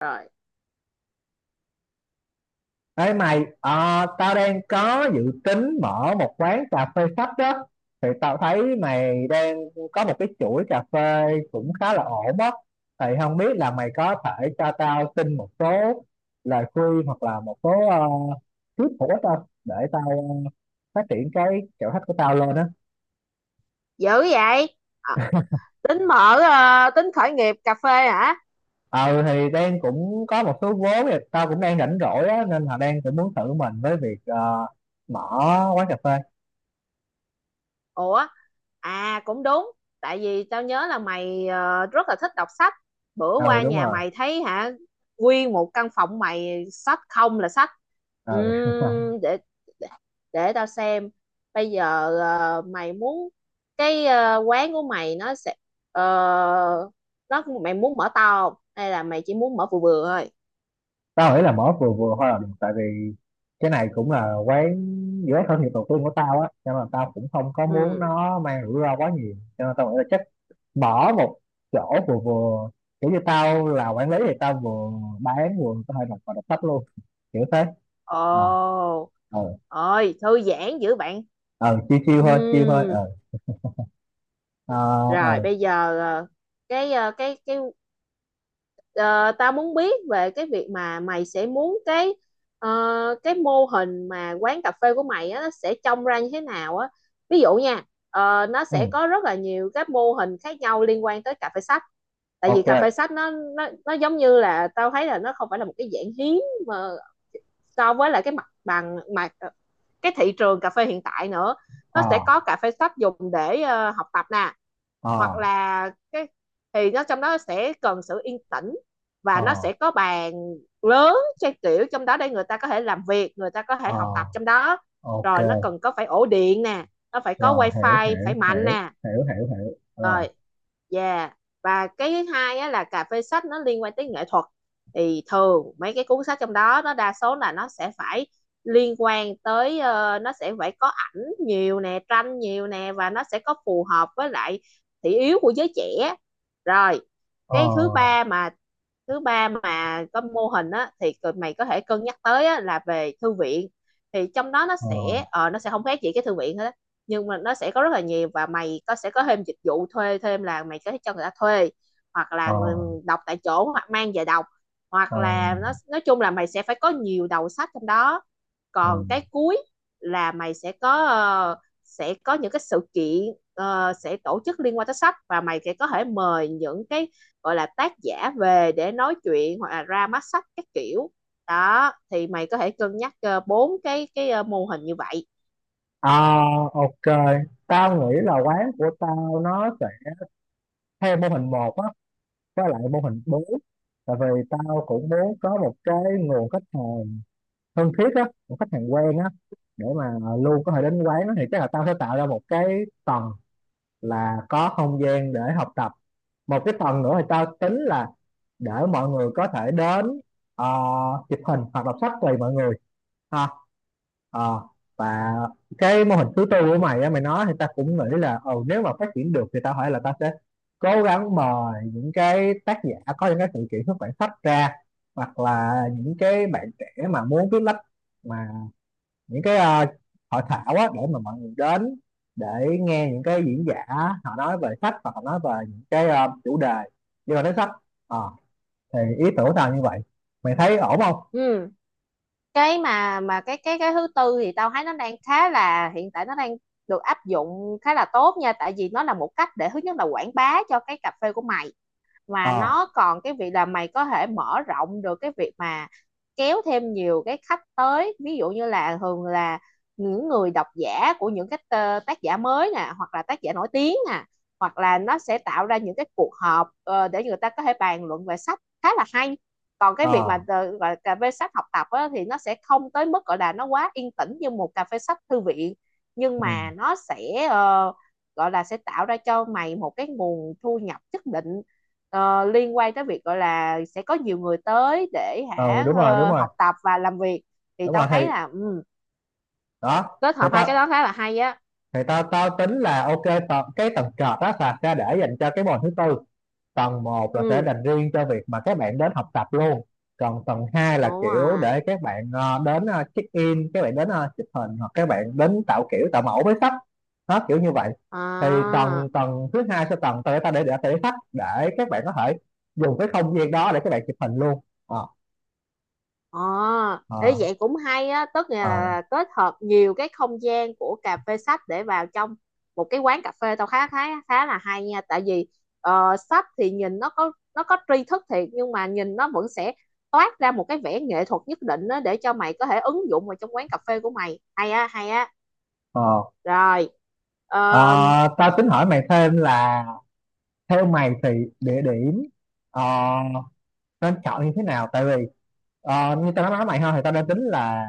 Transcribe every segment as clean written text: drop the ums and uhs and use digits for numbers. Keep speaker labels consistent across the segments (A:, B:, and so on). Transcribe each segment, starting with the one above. A: Rồi,
B: Ê mày, tao đang có dự tính mở một quán cà phê sách đó. Thì tao thấy mày đang có một cái chuỗi cà phê cũng khá là ổn á. Thì không biết là mày có thể cho tao xin một số lời khuyên hoặc là một số tip hữu ích không. Để tao phát triển cái chỗ khách của tao lên á.
A: dữ vậy? à, tính khởi nghiệp cà phê hả?
B: Ờ thì đang cũng có một số vốn thì tao cũng đang rảnh rỗi á. Nên là đang cũng muốn thử mình với việc mở quán cà phê.
A: Ủa, à cũng đúng, tại vì tao nhớ là mày rất là thích đọc sách. Bữa
B: Ừ,
A: qua
B: đúng
A: nhà
B: rồi.
A: mày thấy hả? Nguyên một căn phòng mày sách không là sách.
B: Ừ
A: Ừm, để, để để tao xem. Bây giờ mày muốn cái quán của mày nó sẽ ờ, mày muốn mở to không, hay là mày chỉ muốn mở vừa vừa thôi?
B: tao nghĩ là mở vừa vừa thôi là được, tại vì cái này cũng là quán giữa thân nghiệp đầu tiên của tao á, cho nên là tao cũng không có muốn
A: Ừ.
B: nó mang rủi ro quá nhiều, cho nên tao nghĩ là chắc mở một chỗ vừa vừa, kiểu như tao là quản lý thì tao vừa bán vừa có thể đọc và đọc sách luôn, kiểu thế. ờ.
A: Ồ,
B: ờ.
A: ôi thư giãn dữ bạn.
B: ờ chiêu chiêu thôi, chiêu thôi.
A: Ừm,
B: ờ. ờ. ờ.
A: rồi bây giờ cái ờ, cái cái ờ, tao muốn biết về cái việc mà mày sẽ muốn ờ, cái mô hình mà quán cà phê của mày á, nó sẽ trông ra như thế nào á. Ví dụ nha, nó
B: ừ.
A: sẽ có rất là nhiều các mô hình khác nhau liên quan tới cà phê sách. Tại vì cà phê
B: ok.
A: sách nó giống như là tao thấy là nó không phải là một cái dạng hiếm, mà so với lại cái mặt bằng mà cái thị trường cà phê hiện tại nữa. Nó
B: ờ.
A: sẽ có cà phê shop dùng để học tập nè, hoặc
B: ờ.
A: là cái, thì nó trong đó sẽ cần sự yên tĩnh, và nó
B: ờ.
A: sẽ có bàn lớn, trang kiểu trong đó để người ta có thể làm việc, người ta có thể
B: ờ.
A: học tập trong đó.
B: ok.
A: Rồi nó cần có phải ổ điện nè, nó phải có
B: Rồi, hiểu
A: wifi phải
B: hiểu
A: mạnh
B: hiểu
A: nè.
B: hiểu hiểu hiểu rồi.
A: Rồi, yeah. Và cái thứ hai á, là cà phê sách nó liên quan tới nghệ thuật, thì thường mấy cái cuốn sách trong đó nó đa số là nó sẽ phải liên quan tới, nó sẽ phải có ảnh nhiều nè, tranh nhiều nè, và nó sẽ có phù hợp với lại thị yếu của giới trẻ. Rồi cái thứ
B: ờ.
A: ba mà, có mô hình á, thì mày có thể cân nhắc tới á, là về thư viện. Thì trong đó nó
B: ờ.
A: sẽ nó sẽ không khác gì cái thư viện hết á. Nhưng mà nó sẽ có rất là nhiều, và mày có sẽ có thêm dịch vụ thuê thêm, là mày có thể cho người ta thuê, hoặc là
B: ờ.
A: người đọc tại chỗ, hoặc mang về đọc,
B: Ờ,
A: hoặc
B: ờ.
A: là nó, nói chung là mày sẽ phải có nhiều đầu sách trong đó.
B: ờ.
A: Còn cái cuối là mày sẽ có sẽ có những cái sự kiện sẽ tổ chức liên quan tới sách, và mày sẽ có thể mời những cái gọi là tác giả về để nói chuyện, hoặc là ra mắt sách các kiểu. Đó thì mày có thể cân nhắc bốn cái mô hình như vậy.
B: À, ok. Tao nghĩ là quán của tao nó sẽ theo mô hình một á, với lại mô hình bốn. Tại vì tao cũng muốn có một cái nguồn khách hàng thân thiết á, một khách hàng quen á, để mà luôn có thể đến quán đó, thì chắc là tao sẽ tạo ra một cái tầng là có không gian để học tập. Một cái tầng nữa thì tao tính là để mọi người có thể đến, ờ, chụp hình hoặc đọc sách tùy mọi người. À. Ờ. Và cái mô hình thứ tư của mày á, mày nói thì ta cũng nghĩ là ừ, nếu mà phát triển được thì tao hỏi là ta sẽ cố gắng mời những cái tác giả có những cái sự kiện xuất bản sách ra, hoặc là những cái bạn trẻ mà muốn viết lách, mà những cái hội thảo á, để mà mọi người đến để nghe những cái diễn giả họ nói về sách, hoặc họ nói về những cái chủ đề liên quan đến sách. Ờ, thì ý tưởng tao như vậy, mày thấy ổn không?
A: Ừ. cái mà cái thứ tư thì tao thấy nó đang khá là, hiện tại nó đang được áp dụng khá là tốt nha, tại vì nó là một cách để, thứ nhất là quảng bá cho cái cà phê của mày, mà
B: ờ.
A: nó còn cái việc là mày có thể mở rộng được cái việc mà kéo thêm nhiều cái khách tới. Ví dụ như là thường là những người độc giả của những cái tác giả mới nè, hoặc là tác giả nổi tiếng nè, hoặc là nó sẽ tạo ra những cái cuộc họp để người ta có thể bàn luận về sách, khá là hay. Còn cái việc
B: ờ.
A: mà gọi là cà phê sách học tập á, thì nó sẽ không tới mức gọi là nó quá yên tĩnh như một cà phê sách thư viện, nhưng
B: ừ.
A: mà nó sẽ gọi là sẽ tạo ra cho mày một cái nguồn thu nhập nhất định, liên quan tới việc gọi là sẽ có nhiều người tới để
B: Ừ
A: hả
B: đúng rồi, đúng rồi.
A: học tập và làm việc. Thì
B: Đúng
A: tao
B: rồi, thì
A: thấy là ừ,
B: đó
A: kết
B: thì
A: hợp hai cái
B: tao,
A: đó khá là hay á.
B: thì tao tao tính là ok. Tầng, cái tầng trệt đó là sẽ để dành cho cái môn thứ tư. Tầng một là sẽ
A: Ừ
B: dành riêng cho việc mà các bạn đến học tập luôn. Còn tầng hai là
A: đúng
B: kiểu
A: rồi.
B: để các bạn đến check in, các bạn đến chụp hình, hoặc các bạn đến tạo kiểu tạo mẫu với sách. Đó, kiểu như vậy. Thì tầng
A: À,
B: tầng thứ hai sẽ tầng tao để để sách để các bạn có thể dùng cái không gian đó để các bạn chụp hình luôn. ờ.
A: ờ, ý
B: ờ.
A: vậy cũng hay á, tức
B: ờ.
A: là kết hợp nhiều cái không gian của cà phê sách để vào trong một cái quán cà phê. Tao khá khá khá là hay nha, tại vì sách thì nhìn nó có, nó có tri thức thiệt, nhưng mà nhìn nó vẫn sẽ toát ra một cái vẻ nghệ thuật nhất định á, để cho mày có thể ứng dụng vào trong quán cà phê của mày. Hay á, hay á.
B: ờ.
A: Rồi.
B: Ờ,
A: Ờ,
B: tao tính hỏi mày thêm là theo mày thì địa điểm ờ, nên chọn như thế nào. Tại vì như tao đã nói mày ha, thì tao đang tính là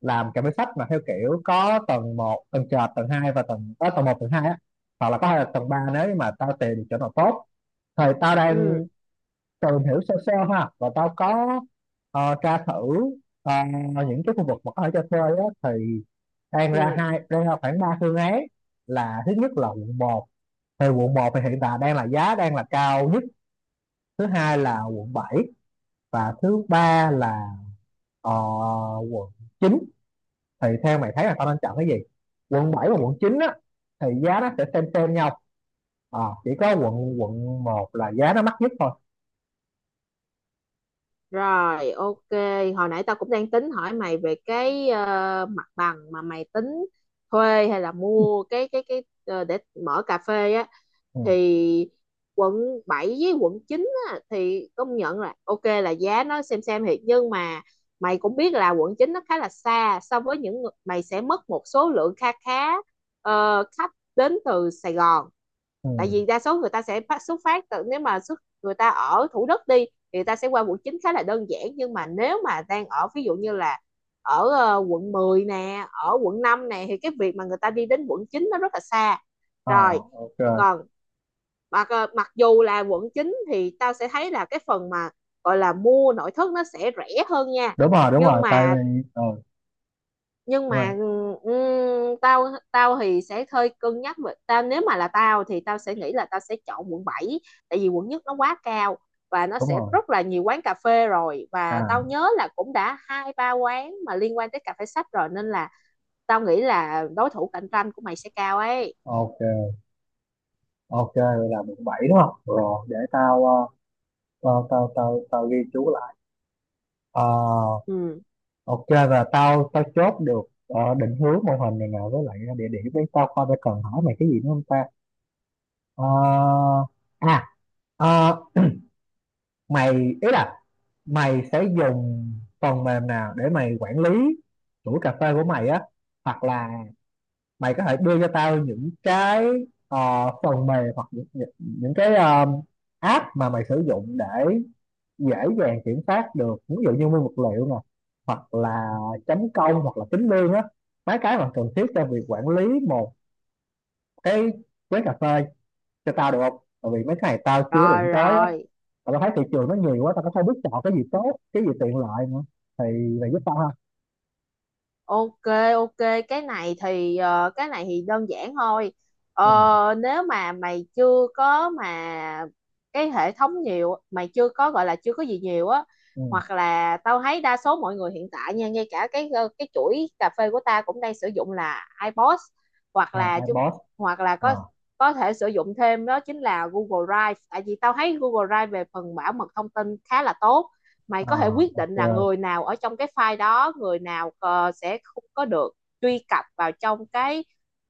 B: làm cà phê sách mà theo kiểu có tầng một, tầng trệt, tầng hai, và tầng tầng một, tầng 2 á, hoặc là có thể là tầng 3 nếu như mà tao tìm được chỗ nào tốt. Thì tao
A: ừ,
B: đang tìm hiểu sơ sơ ha, và tao có tra thử ờ, những cái khu vực mà có thể cho thuê á, thì đang ra
A: ừ.
B: hai, đang ra khoảng ba phương án. Là thứ nhất là quận 1, thì quận 1 thì hiện tại đang là giá đang là cao nhất. Thứ hai là quận 7, và thứ ba là ờ, quận 9. Thì theo mày thấy là tao nên chọn cái gì? Quận 7 và quận 9 á thì giá nó sẽ xem nhau. Ờ, chỉ có quận quận một là giá nó mắc nhất thôi.
A: Rồi, ok. Hồi nãy tao cũng đang tính hỏi mày về cái mặt bằng mà mày tính thuê hay là mua cái để mở cà phê á.
B: ừ.
A: Thì quận 7 với quận 9 á, thì công nhận là ok, là giá nó xem thiệt, nhưng mà mày cũng biết là quận 9 nó khá là xa, so với những mày sẽ mất một số lượng kha khá khách đến từ Sài Gòn.
B: ừ.
A: Tại vì đa số người ta sẽ xuất phát từ, nếu mà người ta ở Thủ Đức đi thì người ta sẽ qua quận 9 khá là đơn giản, nhưng mà nếu mà đang ở ví dụ như là ở quận 10 nè, ở quận 5 nè, thì cái việc mà người ta đi đến quận 9 nó rất là xa.
B: Ờ,
A: Rồi,
B: ok.
A: còn mặc mặc dù là quận 9 thì tao sẽ thấy là cái phần mà gọi là mua nội thất nó sẽ rẻ hơn nha.
B: Đúng rồi, đúng
A: Nhưng
B: rồi, tại
A: mà,
B: vì ừ,
A: nhưng
B: đúng
A: mà
B: rồi,
A: tao tao thì sẽ hơi cân nhắc về, tao nếu mà là tao thì tao sẽ nghĩ là tao sẽ chọn quận bảy, tại vì quận nhất nó quá cao, và nó
B: đúng
A: sẽ
B: rồi.
A: rất là nhiều quán cà phê rồi, và tao
B: à.
A: nhớ là cũng đã hai ba quán mà liên quan tới cà phê sách rồi, nên là tao nghĩ là đối thủ cạnh tranh của mày sẽ cao ấy.
B: Ok, ok, vậy là quận 7 đúng không? Rồi để tao tao ghi chú lại. Ờ.
A: Ừ.
B: Ok, và tao tao chốt được định hướng mô hình này nè, với lại địa điểm đấy. Tao coi phải cần hỏi mày cái gì nữa không ta. Ờ. à. ờ, mày ý là mày sẽ dùng phần mềm nào để mày quản lý chuỗi cà phê của mày á. Hoặc là mày có thể đưa cho tao những cái ờ, phần mềm, hoặc những cái app mà mày sử dụng để dễ dàng kiểm soát được, ví dụ như nguyên vật liệu nè, hoặc là chấm công, hoặc là tính lương á. Mấy cái mà cần thiết cho việc quản lý một cái quán cà phê cho tao được không? Tại vì mấy cái này tao chưa
A: Rồi
B: đụng tới á,
A: rồi.
B: mà tao thấy thị trường nó nhiều quá, tao cũng không biết chọn cái gì tốt, cái gì tiện lợi nữa. Thì mày giúp tao ha.
A: Ok, ok, cái này thì cái này thì đơn giản thôi.
B: ừ.
A: Nếu mà mày chưa có mà cái hệ thống nhiều, mày chưa có gọi là chưa có gì nhiều á,
B: ừ.
A: hoặc là tao thấy đa số mọi người hiện tại nha, ngay cả cái cái chuỗi cà phê của ta cũng đang sử dụng là iPods, hoặc
B: à.
A: là chúng,
B: iBoss.
A: hoặc là
B: à.
A: có thể sử dụng thêm đó chính là Google Drive, tại vì tao thấy Google Drive về phần bảo mật thông tin khá là tốt. Mày có thể
B: à.
A: quyết định
B: ok.
A: là người nào ở trong cái file đó, người nào sẽ không có được truy cập vào trong cái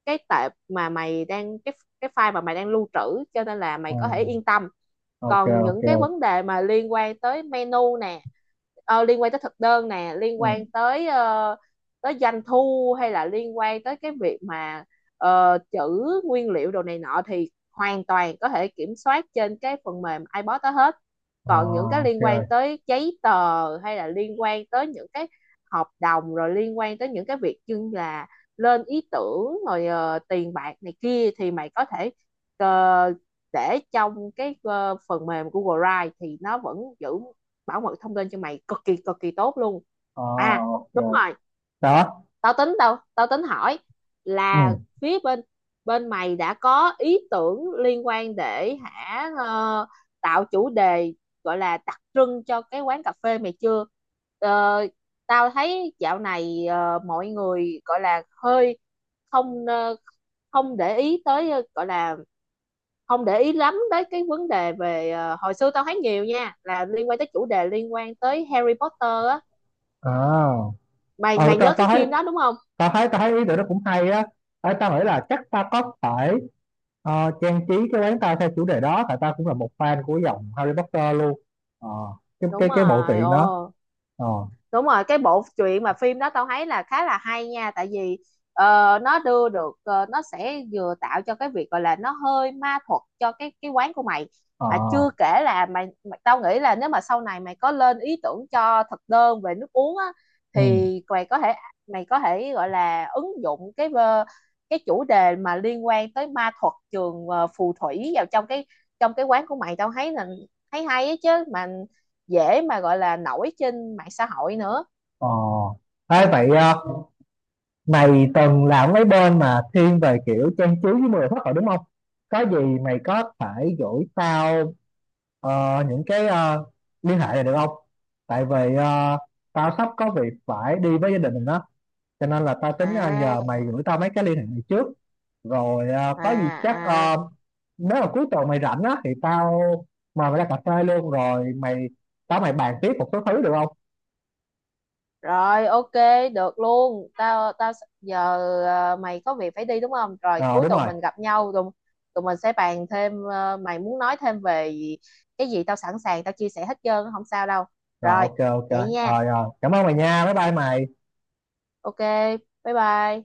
A: cái tệp mà mày đang, cái file mà mày đang lưu trữ, cho nên là
B: ừ.
A: mày có thể yên tâm.
B: ok.
A: Còn
B: ok.
A: những cái vấn đề mà liên quan tới menu nè, liên quan tới thực đơn nè, liên
B: ừ.
A: quan tới tới doanh thu, hay là liên quan tới cái việc mà chữ nguyên liệu đồ này nọ, thì hoàn toàn có thể kiểm soát trên cái phần mềm iBot đó hết.
B: à.
A: Còn những cái
B: ok.
A: liên quan tới giấy tờ, hay là liên quan tới những cái hợp đồng, rồi liên quan tới những cái việc như là lên ý tưởng, rồi tiền bạc này kia, thì mày có thể ờ, để trong cái phần mềm của Google Drive, thì nó vẫn giữ bảo mật thông tin cho mày cực kỳ tốt luôn.
B: à.
A: À,
B: ok.
A: đúng rồi.
B: Đó.
A: Tao tính hỏi là,
B: ừ.
A: phía bên, bên mày đã có ý tưởng liên quan để hả tạo chủ đề gọi là đặc trưng cho cái quán cà phê mày chưa? Ờ, tao thấy dạo này mọi người gọi là hơi không không để ý tới, gọi là không để ý lắm tới cái vấn đề về. Ờ, Hồi xưa tao thấy nhiều nha, là liên quan tới chủ đề, liên quan tới Harry Potter á.
B: à.
A: Mày,
B: ờ.
A: mày
B: Tao
A: nhớ cái
B: tao thấy,
A: phim đó đúng không?
B: tao thấy ý tưởng đó cũng hay á. Ê, tao nghĩ là chắc ta có thể trang trí cái quán tao theo chủ đề đó, tại tao cũng là một fan của dòng Harry Potter luôn. Ờ, cái cái
A: Đúng
B: cái bộ
A: rồi,
B: truyện đó.
A: ồ,
B: ờ.
A: đúng rồi, cái bộ truyện mà phim đó tao thấy là khá là hay nha, tại vì nó đưa được nó sẽ vừa tạo cho cái việc gọi là nó hơi ma thuật cho cái quán của mày.
B: ờ.
A: Mà chưa kể là mày tao nghĩ là nếu mà sau này mày có lên ý tưởng cho thực đơn về nước uống á,
B: ừ.
A: thì mày có thể gọi là ứng dụng cái cái chủ đề mà liên quan tới ma thuật trường phù thủy vào trong trong cái quán của mày. Tao thấy là thấy hay á chứ, mà dễ mà gọi là nổi trên mạng xã hội nữa.
B: ờ. Ê, vậy mày từng làm mấy bên mà thiên về kiểu trang trí với 10 phút rồi đúng không? Có gì mày có thể gửi tao những cái liên hệ này được không? Tại vì tao sắp có việc phải đi với gia đình mình, cho nên là tao tính
A: À,
B: nhờ mày gửi tao mấy cái liên hệ này trước. Rồi
A: à,
B: có gì chắc
A: à,
B: nếu mà cuối tuần mày rảnh á thì tao mời mày ra cà phê luôn, rồi mày bàn tiếp một số thứ được không?
A: rồi, ok, được luôn. Tao tao giờ, à, mày có việc phải đi đúng không? Rồi
B: Ờ
A: cuối
B: đúng
A: tuần
B: rồi.
A: mình gặp nhau, tụi mình sẽ bàn thêm. Ờ, Mày muốn nói thêm về cái gì, tao sẵn sàng tao chia sẻ hết trơn, không sao đâu.
B: Rồi
A: Rồi,
B: ok, ok.
A: vậy nha.
B: Rồi rồi, cảm ơn mày nha, bye bye mày.
A: Ok, bye bye.